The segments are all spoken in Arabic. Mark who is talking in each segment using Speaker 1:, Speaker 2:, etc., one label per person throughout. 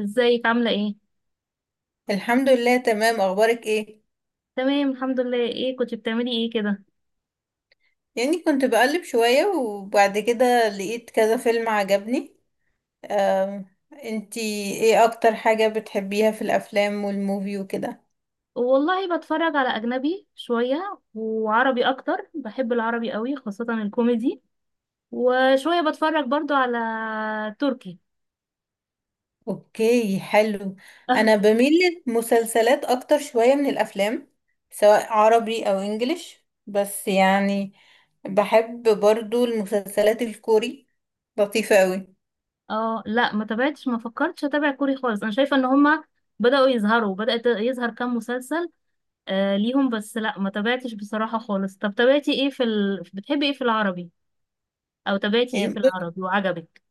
Speaker 1: ازيك عاملة ايه؟
Speaker 2: الحمد لله، تمام. اخبارك ايه؟
Speaker 1: تمام الحمد لله، ايه كنت بتعملي ايه كده؟
Speaker 2: يعني كنت بقلب شوية وبعد كده لقيت كذا فيلم عجبني. أم، انتي ايه اكتر حاجة بتحبيها في الافلام والموفي وكده؟
Speaker 1: والله بتفرج على أجنبي شوية وعربي أكتر، بحب العربي قوي خاصة الكوميدي، وشوية بتفرج برضو على تركي.
Speaker 2: اوكي، حلو. انا بميل للمسلسلات اكتر شوية من الافلام، سواء عربي او انجليش، بس يعني بحب برضو المسلسلات الكوري، لطيفة قوي.
Speaker 1: اه، لا ما تابعتش، ما فكرتش اتابع كوري خالص، انا شايفة ان هما بدأوا يظهروا بدأت يظهر كام مسلسل آه ليهم، بس لا ما تابعتش بصراحة خالص. طب تابعتي ايه في بتحبي ايه في العربي؟ او تابعتي ايه في
Speaker 2: يعني
Speaker 1: العربي وعجبك؟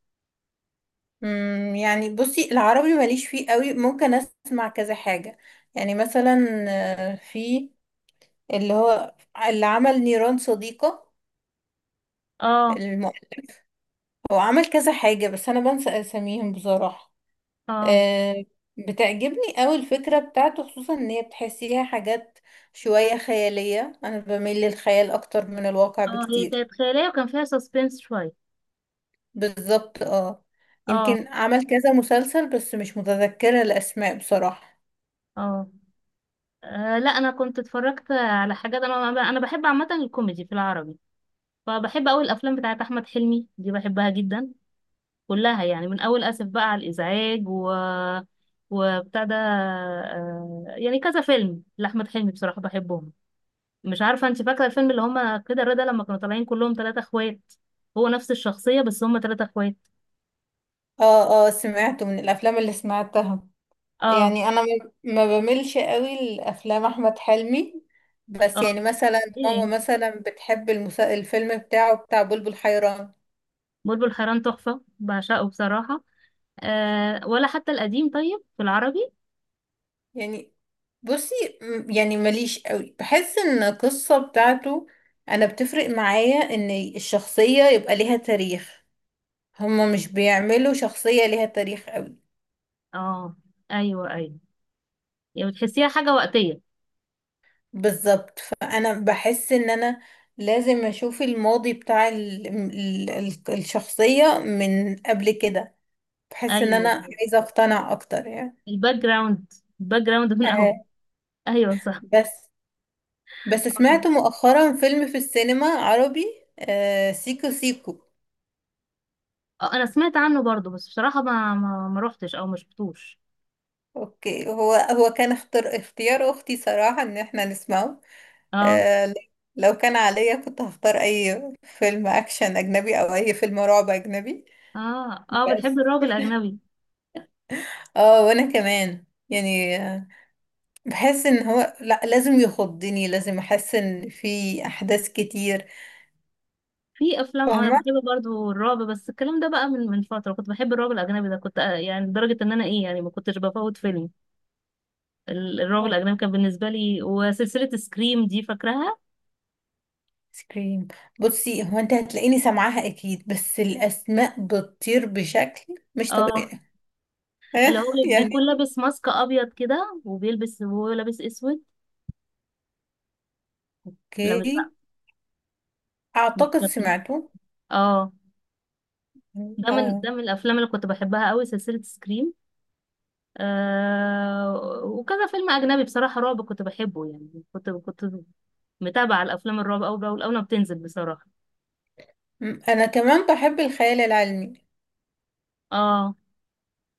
Speaker 2: يعني بصي، العربي ماليش فيه قوي، ممكن اسمع كذا حاجة. يعني مثلا في اللي هو اللي عمل نيران صديقة.
Speaker 1: اه،
Speaker 2: الم... هو عمل كذا حاجة، بس انا بنسى اساميهم بصراحة.
Speaker 1: اه،
Speaker 2: آه، بتعجبني قوي الفكرة بتاعته، خصوصا ان هي بتحسيها حاجات شوية خيالية. انا بميل للخيال اكتر من الواقع
Speaker 1: اه، هي
Speaker 2: بكتير.
Speaker 1: كانت خيالية وكان فيها سسبنس شوية.
Speaker 2: بالظبط، اه.
Speaker 1: اه،
Speaker 2: يمكن عمل كذا مسلسل بس مش متذكرة الاسماء بصراحة.
Speaker 1: اه، لا انا كنت اتفرجت على حاجات، انا بحب عامة الكوميدي في العربي، فبحب اول الافلام بتاعت احمد حلمي دي، بحبها جدا كلها، يعني من اول اسف بقى على الازعاج و وبتاع ده، يعني كذا فيلم لاحمد حلمي بصراحة بحبهم. مش عارفة انت فاكرة الفيلم اللي هما كده رضا لما كانوا طالعين كلهم ثلاثة اخوات؟ هو نفس الشخصية بس هما ثلاثة اخوات.
Speaker 2: اه، اه، سمعته من الافلام اللي سمعتها.
Speaker 1: اه،
Speaker 2: يعني انا ما ما بملش قوي لافلام احمد حلمي، بس يعني
Speaker 1: اه،
Speaker 2: مثلا
Speaker 1: ايه،
Speaker 2: ماما مثلا بتحب الفيلم بتاعه بتاع بلبل حيران.
Speaker 1: بلبل حيران تحفة، بعشقه بصراحة. أه، ولا حتى القديم طيب في العربي.
Speaker 2: يعني بصي، يعني ماليش قوي، بحس ان القصة بتاعته، انا بتفرق معايا ان الشخصية يبقى ليها تاريخ. هما مش بيعملوا شخصية ليها تاريخ قوي.
Speaker 1: اه، ايوه، ايوه، يعني بتحسيها حاجة وقتية.
Speaker 2: بالظبط، فانا بحس ان انا لازم اشوف الماضي بتاع الشخصية من قبل كده. بحس ان
Speaker 1: ايوه،
Speaker 2: انا عايزة اقتنع اكتر يعني.
Speaker 1: الباك جراوند الباك جراوند من
Speaker 2: آه.
Speaker 1: اول، ايوه صح.
Speaker 2: بس بس
Speaker 1: اه،
Speaker 2: سمعت مؤخرا فيلم في السينما عربي. آه، سيكو سيكو.
Speaker 1: انا سمعت عنه برضو، بس بصراحة ما روحتش او ما شفتوش.
Speaker 2: اوكي، هو هو كان اختيار اختي صراحة ان احنا نسمعه.
Speaker 1: اه،
Speaker 2: آه. لو كان عليا كنت هختار اي فيلم اكشن اجنبي او اي فيلم رعب اجنبي.
Speaker 1: اه، اه،
Speaker 2: بس،
Speaker 1: بتحب الرعب الاجنبي.
Speaker 2: اه وانا كمان يعني بحس ان هو، لا، لازم يخضني، لازم احس ان في احداث كتير.
Speaker 1: في افلام، انا
Speaker 2: فاهمه.
Speaker 1: بحب برضو الرعب، بس الكلام ده بقى من فترة كنت بحب الرعب الاجنبي ده، كنت، يعني لدرجة ان انا، يعني ما كنتش بفوت فيلم. الرعب الأجنبي كان بالنسبة لي، وسلسلة سكريم دي فاكراها؟
Speaker 2: سكريم. بصي، هو انت هتلاقيني سامعاها اكيد، بس الاسماء بتطير بشكل مش
Speaker 1: اه،
Speaker 2: طبيعي.
Speaker 1: اللي
Speaker 2: يعني.
Speaker 1: بيكون لابس ماسك أبيض كده، وبيلبس وهو لابس أسود. لا، مش
Speaker 2: اوكي.
Speaker 1: بقى، مش
Speaker 2: اعتقد
Speaker 1: فاكرة.
Speaker 2: سمعته،
Speaker 1: اه، ده
Speaker 2: اه.
Speaker 1: من الأفلام اللي كنت بحبها قوي، سلسلة سكريم. وكذا فيلم أجنبي بصراحة رعب كنت بحبه، يعني كنت متابعة الأفلام الرعب أول بأول، أول ما بتنزل بصراحة.
Speaker 2: انا كمان بحب الخيال العلمي.
Speaker 1: اه،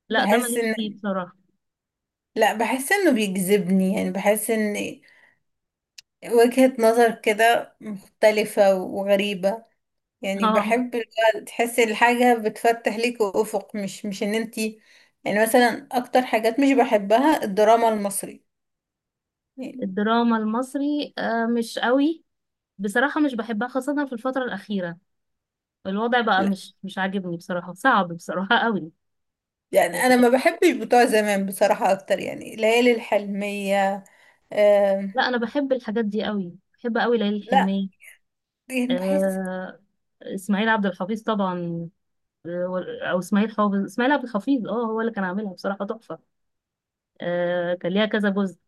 Speaker 1: لا ده
Speaker 2: بحس
Speaker 1: ماليش فيه
Speaker 2: ان
Speaker 1: بصراحة.
Speaker 2: لا، بحس انه بيجذبني. يعني بحس ان وجهة نظر كده مختلفة وغريبة. يعني
Speaker 1: اه،
Speaker 2: بحب تحسي الحاجة بتفتح ليك أفق، مش ان انتي. يعني مثلا اكتر حاجات مش بحبها الدراما المصري. يعني،
Speaker 1: الدراما المصري، مش قوي، بصراحة مش بحبها، خاصة في الفترة الأخيرة الوضع بقى
Speaker 2: لا،
Speaker 1: مش عاجبني بصراحة، صعب بصراحة قوي.
Speaker 2: يعني انا ما بحبش بتوع زمان بصراحة اكتر، يعني ليالي الحلمية. آم،
Speaker 1: لا، أنا بحب الحاجات دي قوي، بحب قوي ليالي
Speaker 2: لا،
Speaker 1: الحلمية.
Speaker 2: يعني بحس.
Speaker 1: آه إسماعيل عبد الحفيظ طبعا، آه، وال- أو إسماعيل حافظ إسماعيل عبد الحفيظ، اه، هو اللي كان عاملها بصراحة تحفة. كان ليها كذا جزء،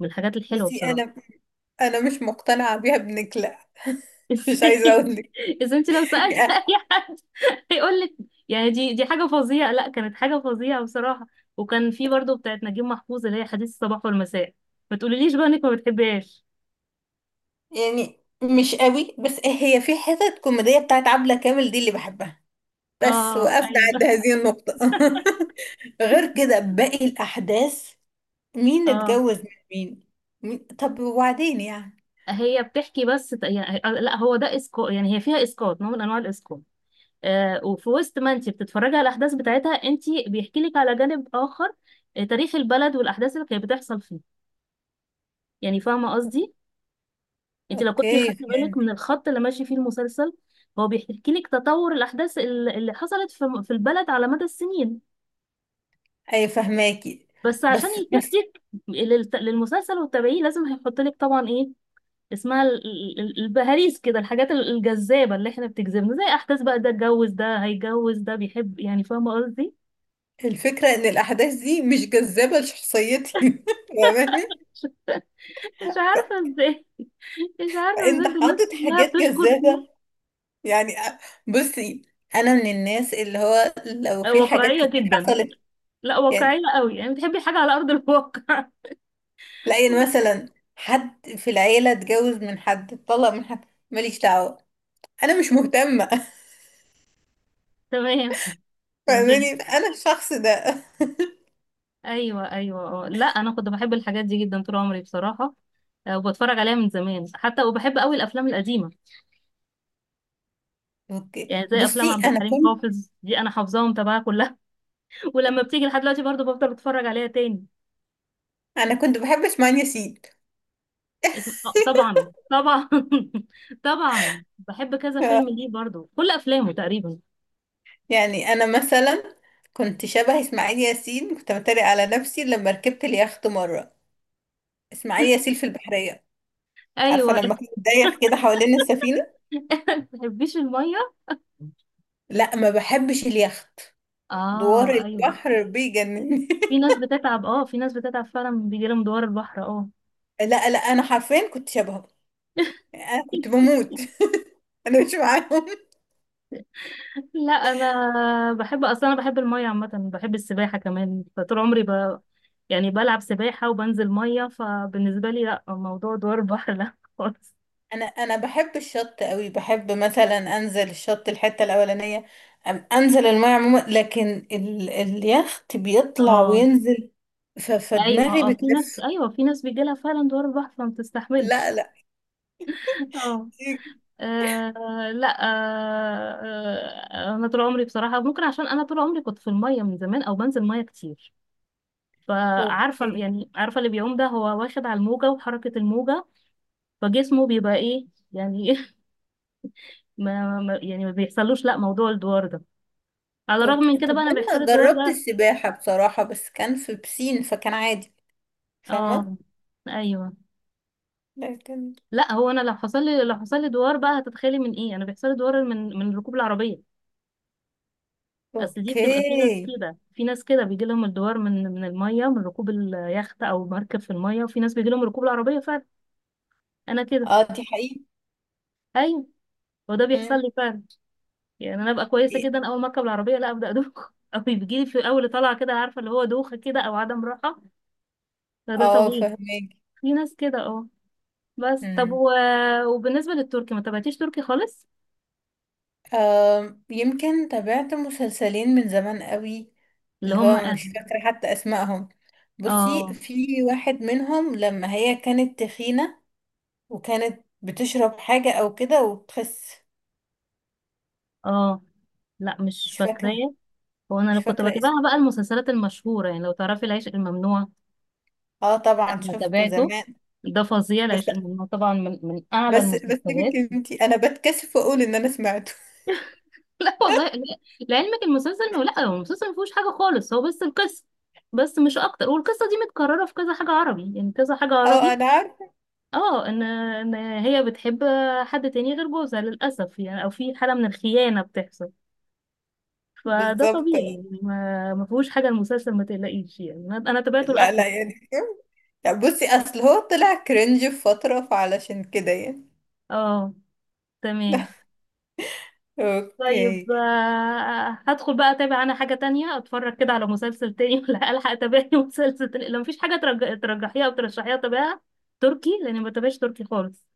Speaker 1: من الحاجات الحلوة
Speaker 2: بصي،
Speaker 1: بصراحة.
Speaker 2: انا مش مقتنعة بيها، ابنك لا. مش عايزة
Speaker 1: ازاي؟
Speaker 2: اقولك.
Speaker 1: إذا أنت لو سألت أي
Speaker 2: يعني
Speaker 1: حد هيقول لك، يعني دي حاجة فظيعة، لا كانت حاجة فظيعة بصراحة. وكان في برضه بتاعت نجيب محفوظ اللي هي حديث الصباح والمساء، ما تقوليليش بقى إنك ما بتحبهاش.
Speaker 2: يعني مش قوي، بس هي في حتة كوميدية بتاعت عبلة كامل دي اللي بحبها. بس
Speaker 1: اه،
Speaker 2: وقفنا عند
Speaker 1: ايوه،
Speaker 2: هذه النقطة. غير كده باقي الأحداث، مين
Speaker 1: اه،
Speaker 2: اتجوز من مين، طب وبعدين يعني؟
Speaker 1: هي بتحكي بس، يعني، لا هو ده اسقاط، يعني هي فيها اسقاط، نوع من انواع الاسقاط. وفي وسط ما انت بتتفرجي على الاحداث بتاعتها انت بيحكي لك على جانب اخر، تاريخ البلد والاحداث اللي كانت بتحصل فيه. يعني فاهمه قصدي؟ انت لو كنت
Speaker 2: أوكي،
Speaker 1: خدت بالك
Speaker 2: فهمت.
Speaker 1: من الخط اللي ماشي فيه المسلسل، هو بيحكي لك تطور الاحداث اللي حصلت في البلد على مدى السنين.
Speaker 2: أي، فهماكي.
Speaker 1: بس عشان
Speaker 2: بس بس
Speaker 1: يشدك للمسلسل وتتابعيه، لازم هيحط لك طبعا إيه؟ اسمها البهاريس كده، الحاجات الجذابة اللي احنا بتجذبنا، زي احداث بقى ده اتجوز، ده هيتجوز، ده بيحب، يعني فاهمة قصدي؟
Speaker 2: الفكرة إن الأحداث دي مش جذابة لشخصيتي. فاهماني؟
Speaker 1: مش
Speaker 2: ف-
Speaker 1: عارفة ازاي مش عارفة
Speaker 2: فأنت
Speaker 1: ازاي ده الناس
Speaker 2: حاطط
Speaker 1: كلها
Speaker 2: حاجات
Speaker 1: بتشكر
Speaker 2: جذابة،
Speaker 1: فيه.
Speaker 2: يعني. بصي، أنا من الناس اللي هو لو في حاجات
Speaker 1: واقعية
Speaker 2: كتير
Speaker 1: جدا،
Speaker 2: حصلت،
Speaker 1: لا واقعية
Speaker 2: يعني
Speaker 1: قوي، يعني بتحبي حاجة على أرض الواقع.
Speaker 2: لاقي مثلا حد في العيلة اتجوز من حد، اتطلق من حد، ماليش دعوة. أنا مش مهتمة.
Speaker 1: تمام، تمام.
Speaker 2: فاهماني انا الشخص ده.
Speaker 1: ايوه، ايوه، اه، لا انا كنت بحب الحاجات دي جدا طول عمري بصراحه، وبتفرج عليها من زمان حتى، وبحب قوي الافلام القديمه،
Speaker 2: اوكي،
Speaker 1: يعني زي افلام
Speaker 2: بصي،
Speaker 1: عبد الحليم حافظ دي، انا حافظاهم تبعها كلها، ولما بتيجي لحد دلوقتي برضه بفضل اتفرج عليها تاني.
Speaker 2: انا كنت بحب اسماعيل ياسين.
Speaker 1: اسم... آه، طبعا، طبعا، طبعا بحب كذا فيلم ليه برضه، كل افلامه تقريبا.
Speaker 2: يعني انا مثلا كنت شبه اسماعيل ياسين، كنت بتريق على نفسي لما ركبت اليخت مره. اسماعيل ياسين في البحريه، انت عارفه
Speaker 1: ايوه.
Speaker 2: لما كان دايخ كده حوالين السفينه؟
Speaker 1: بتحبيش الميه.
Speaker 2: لا، ما بحبش اليخت. دوار
Speaker 1: اه، ايوه،
Speaker 2: البحر بيجنني.
Speaker 1: في ناس بتتعب، اه، في ناس بتتعب فعلا بيجي لهم دوار البحر، اه.
Speaker 2: لا لا، انا حرفيا كنت شبهه، يعني انا كنت بموت. انا مش معاهم.
Speaker 1: لا انا بحب اصلا، انا بحب الميه عامه، بحب السباحه كمان، فطول عمري يعني بلعب سباحه وبنزل ميه، فبالنسبه لي لا، موضوع دوار البحر لا خالص.
Speaker 2: انا بحب الشط قوي، بحب مثلا انزل الشط الحته الاولانيه. انزل الميه عموما، لكن اليخت بيطلع
Speaker 1: اه،
Speaker 2: وينزل،
Speaker 1: ايوه،
Speaker 2: فدماغي
Speaker 1: اه، في ناس،
Speaker 2: بتلف.
Speaker 1: ايوه، في ناس بيجيلها فعلا دوار البحر فما بتستحملش.
Speaker 2: لا لا.
Speaker 1: اه، لا، انا طول عمري بصراحه، ممكن عشان انا طول عمري كنت في الميه من زمان، او بنزل ميه كتير،
Speaker 2: اوكي
Speaker 1: يعني عارفه اللي بيعوم ده هو واخد على الموجه وحركه الموجه، فجسمه بيبقى ايه يعني. يعني ما بيحصلوش لا موضوع الدوار ده. على الرغم من
Speaker 2: اوكي،
Speaker 1: كده
Speaker 2: طب
Speaker 1: بقى انا بيحصل
Speaker 2: انا
Speaker 1: الدوار
Speaker 2: جربت
Speaker 1: ده.
Speaker 2: السباحه بصراحه، بس كان في بسين فكان عادي.
Speaker 1: اه،
Speaker 2: فاهمه؟
Speaker 1: ايوه،
Speaker 2: لكن
Speaker 1: لا هو انا، لو حصل لي دوار بقى، هتتخيلي من ايه؟ انا بيحصل لي دوار من من ركوب العربيه. اصل دي بتبقى
Speaker 2: اوكي.
Speaker 1: في ناس كده بيجي لهم الدوار من من الميه، من ركوب اليخت او مركب في الميه، وفي ناس بيجي لهم ركوب العربيه فعلا. انا كده.
Speaker 2: اه، دي حقيقة.
Speaker 1: ايوه. وده بيحصل
Speaker 2: مم.
Speaker 1: لي فعلا. يعني انا ابقى كويسه جدا اول ما اركب العربيه، لا ابدا، ادوخ، او بيجي لي في اول طلعه كده، عارفه اللي هو دوخه كده او عدم راحه، فده
Speaker 2: اه،
Speaker 1: طبيعي.
Speaker 2: فهمك.
Speaker 1: في ناس كده، اه. بس طب وبالنسبه للتركي، ما تابعتيش تركي خالص؟
Speaker 2: يمكن تابعت مسلسلين من زمان قوي.
Speaker 1: اللي
Speaker 2: اللي
Speaker 1: هم،
Speaker 2: هو
Speaker 1: اه،
Speaker 2: مش فاكرة حتى اسمائهم. بصي،
Speaker 1: اه،
Speaker 2: في واحد منهم لما هي كانت تخينة وكانت بتشرب حاجة او كده وبتخس.
Speaker 1: اه، لا مش
Speaker 2: مش فاكرة
Speaker 1: فاكراه. هو انا
Speaker 2: مش
Speaker 1: لو كنت
Speaker 2: فاكرة اسمه.
Speaker 1: بتابعها بقى المسلسلات المشهوره، يعني لو تعرفي العشق الممنوع،
Speaker 2: اه،
Speaker 1: لا
Speaker 2: طبعا
Speaker 1: انا
Speaker 2: شفته
Speaker 1: تابعته،
Speaker 2: زمان.
Speaker 1: ده فظيع،
Speaker 2: بس
Speaker 1: لأن طبعا من اعلى
Speaker 2: بس بس،
Speaker 1: المسلسلات.
Speaker 2: سيبك انتي، انا بتكسف اقول ان انا سمعته.
Speaker 1: لا، والله، لعلمك المسلسل، لا هو المسلسل ما فيهوش حاجه خالص، هو بس القصه، بس مش اكتر، والقصه دي متكرره في كذا حاجه عربي، يعني كذا حاجه
Speaker 2: اه،
Speaker 1: عربي.
Speaker 2: انا عارفة.
Speaker 1: اه، ان هي بتحب حد تاني غير جوزها للاسف، يعني او في حاله من الخيانه بتحصل، فده
Speaker 2: بالظبط.
Speaker 1: طبيعي، يعني ما فيهوش حاجه المسلسل، ما تقلقيش، يعني أنا تابعته
Speaker 2: لا
Speaker 1: لاخره.
Speaker 2: لا، يعني لا، بصي، اصل هو طلع كرنج في فترة، فعلشان كده يعني.
Speaker 1: اه، تمام،
Speaker 2: اوكي
Speaker 1: طيب. هدخل بقى اتابع انا حاجة تانية، اتفرج كده على مسلسل تاني، ولا الحق اتابع لي مسلسل تاني لو مفيش حاجة ترجحيها او ترشحيها اتابعها تركي، لاني ما بتابعش تركي خالص.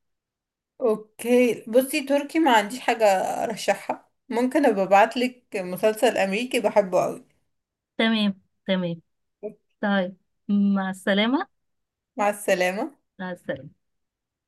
Speaker 2: اوكي، بصي، تركي ما عنديش حاجة ارشحها، ممكن ابقى ابعتلك مسلسل امريكي بحبه قوي.
Speaker 1: تمام، تمام، طيب، مع السلامة،
Speaker 2: مع السلامة.
Speaker 1: مع السلامة،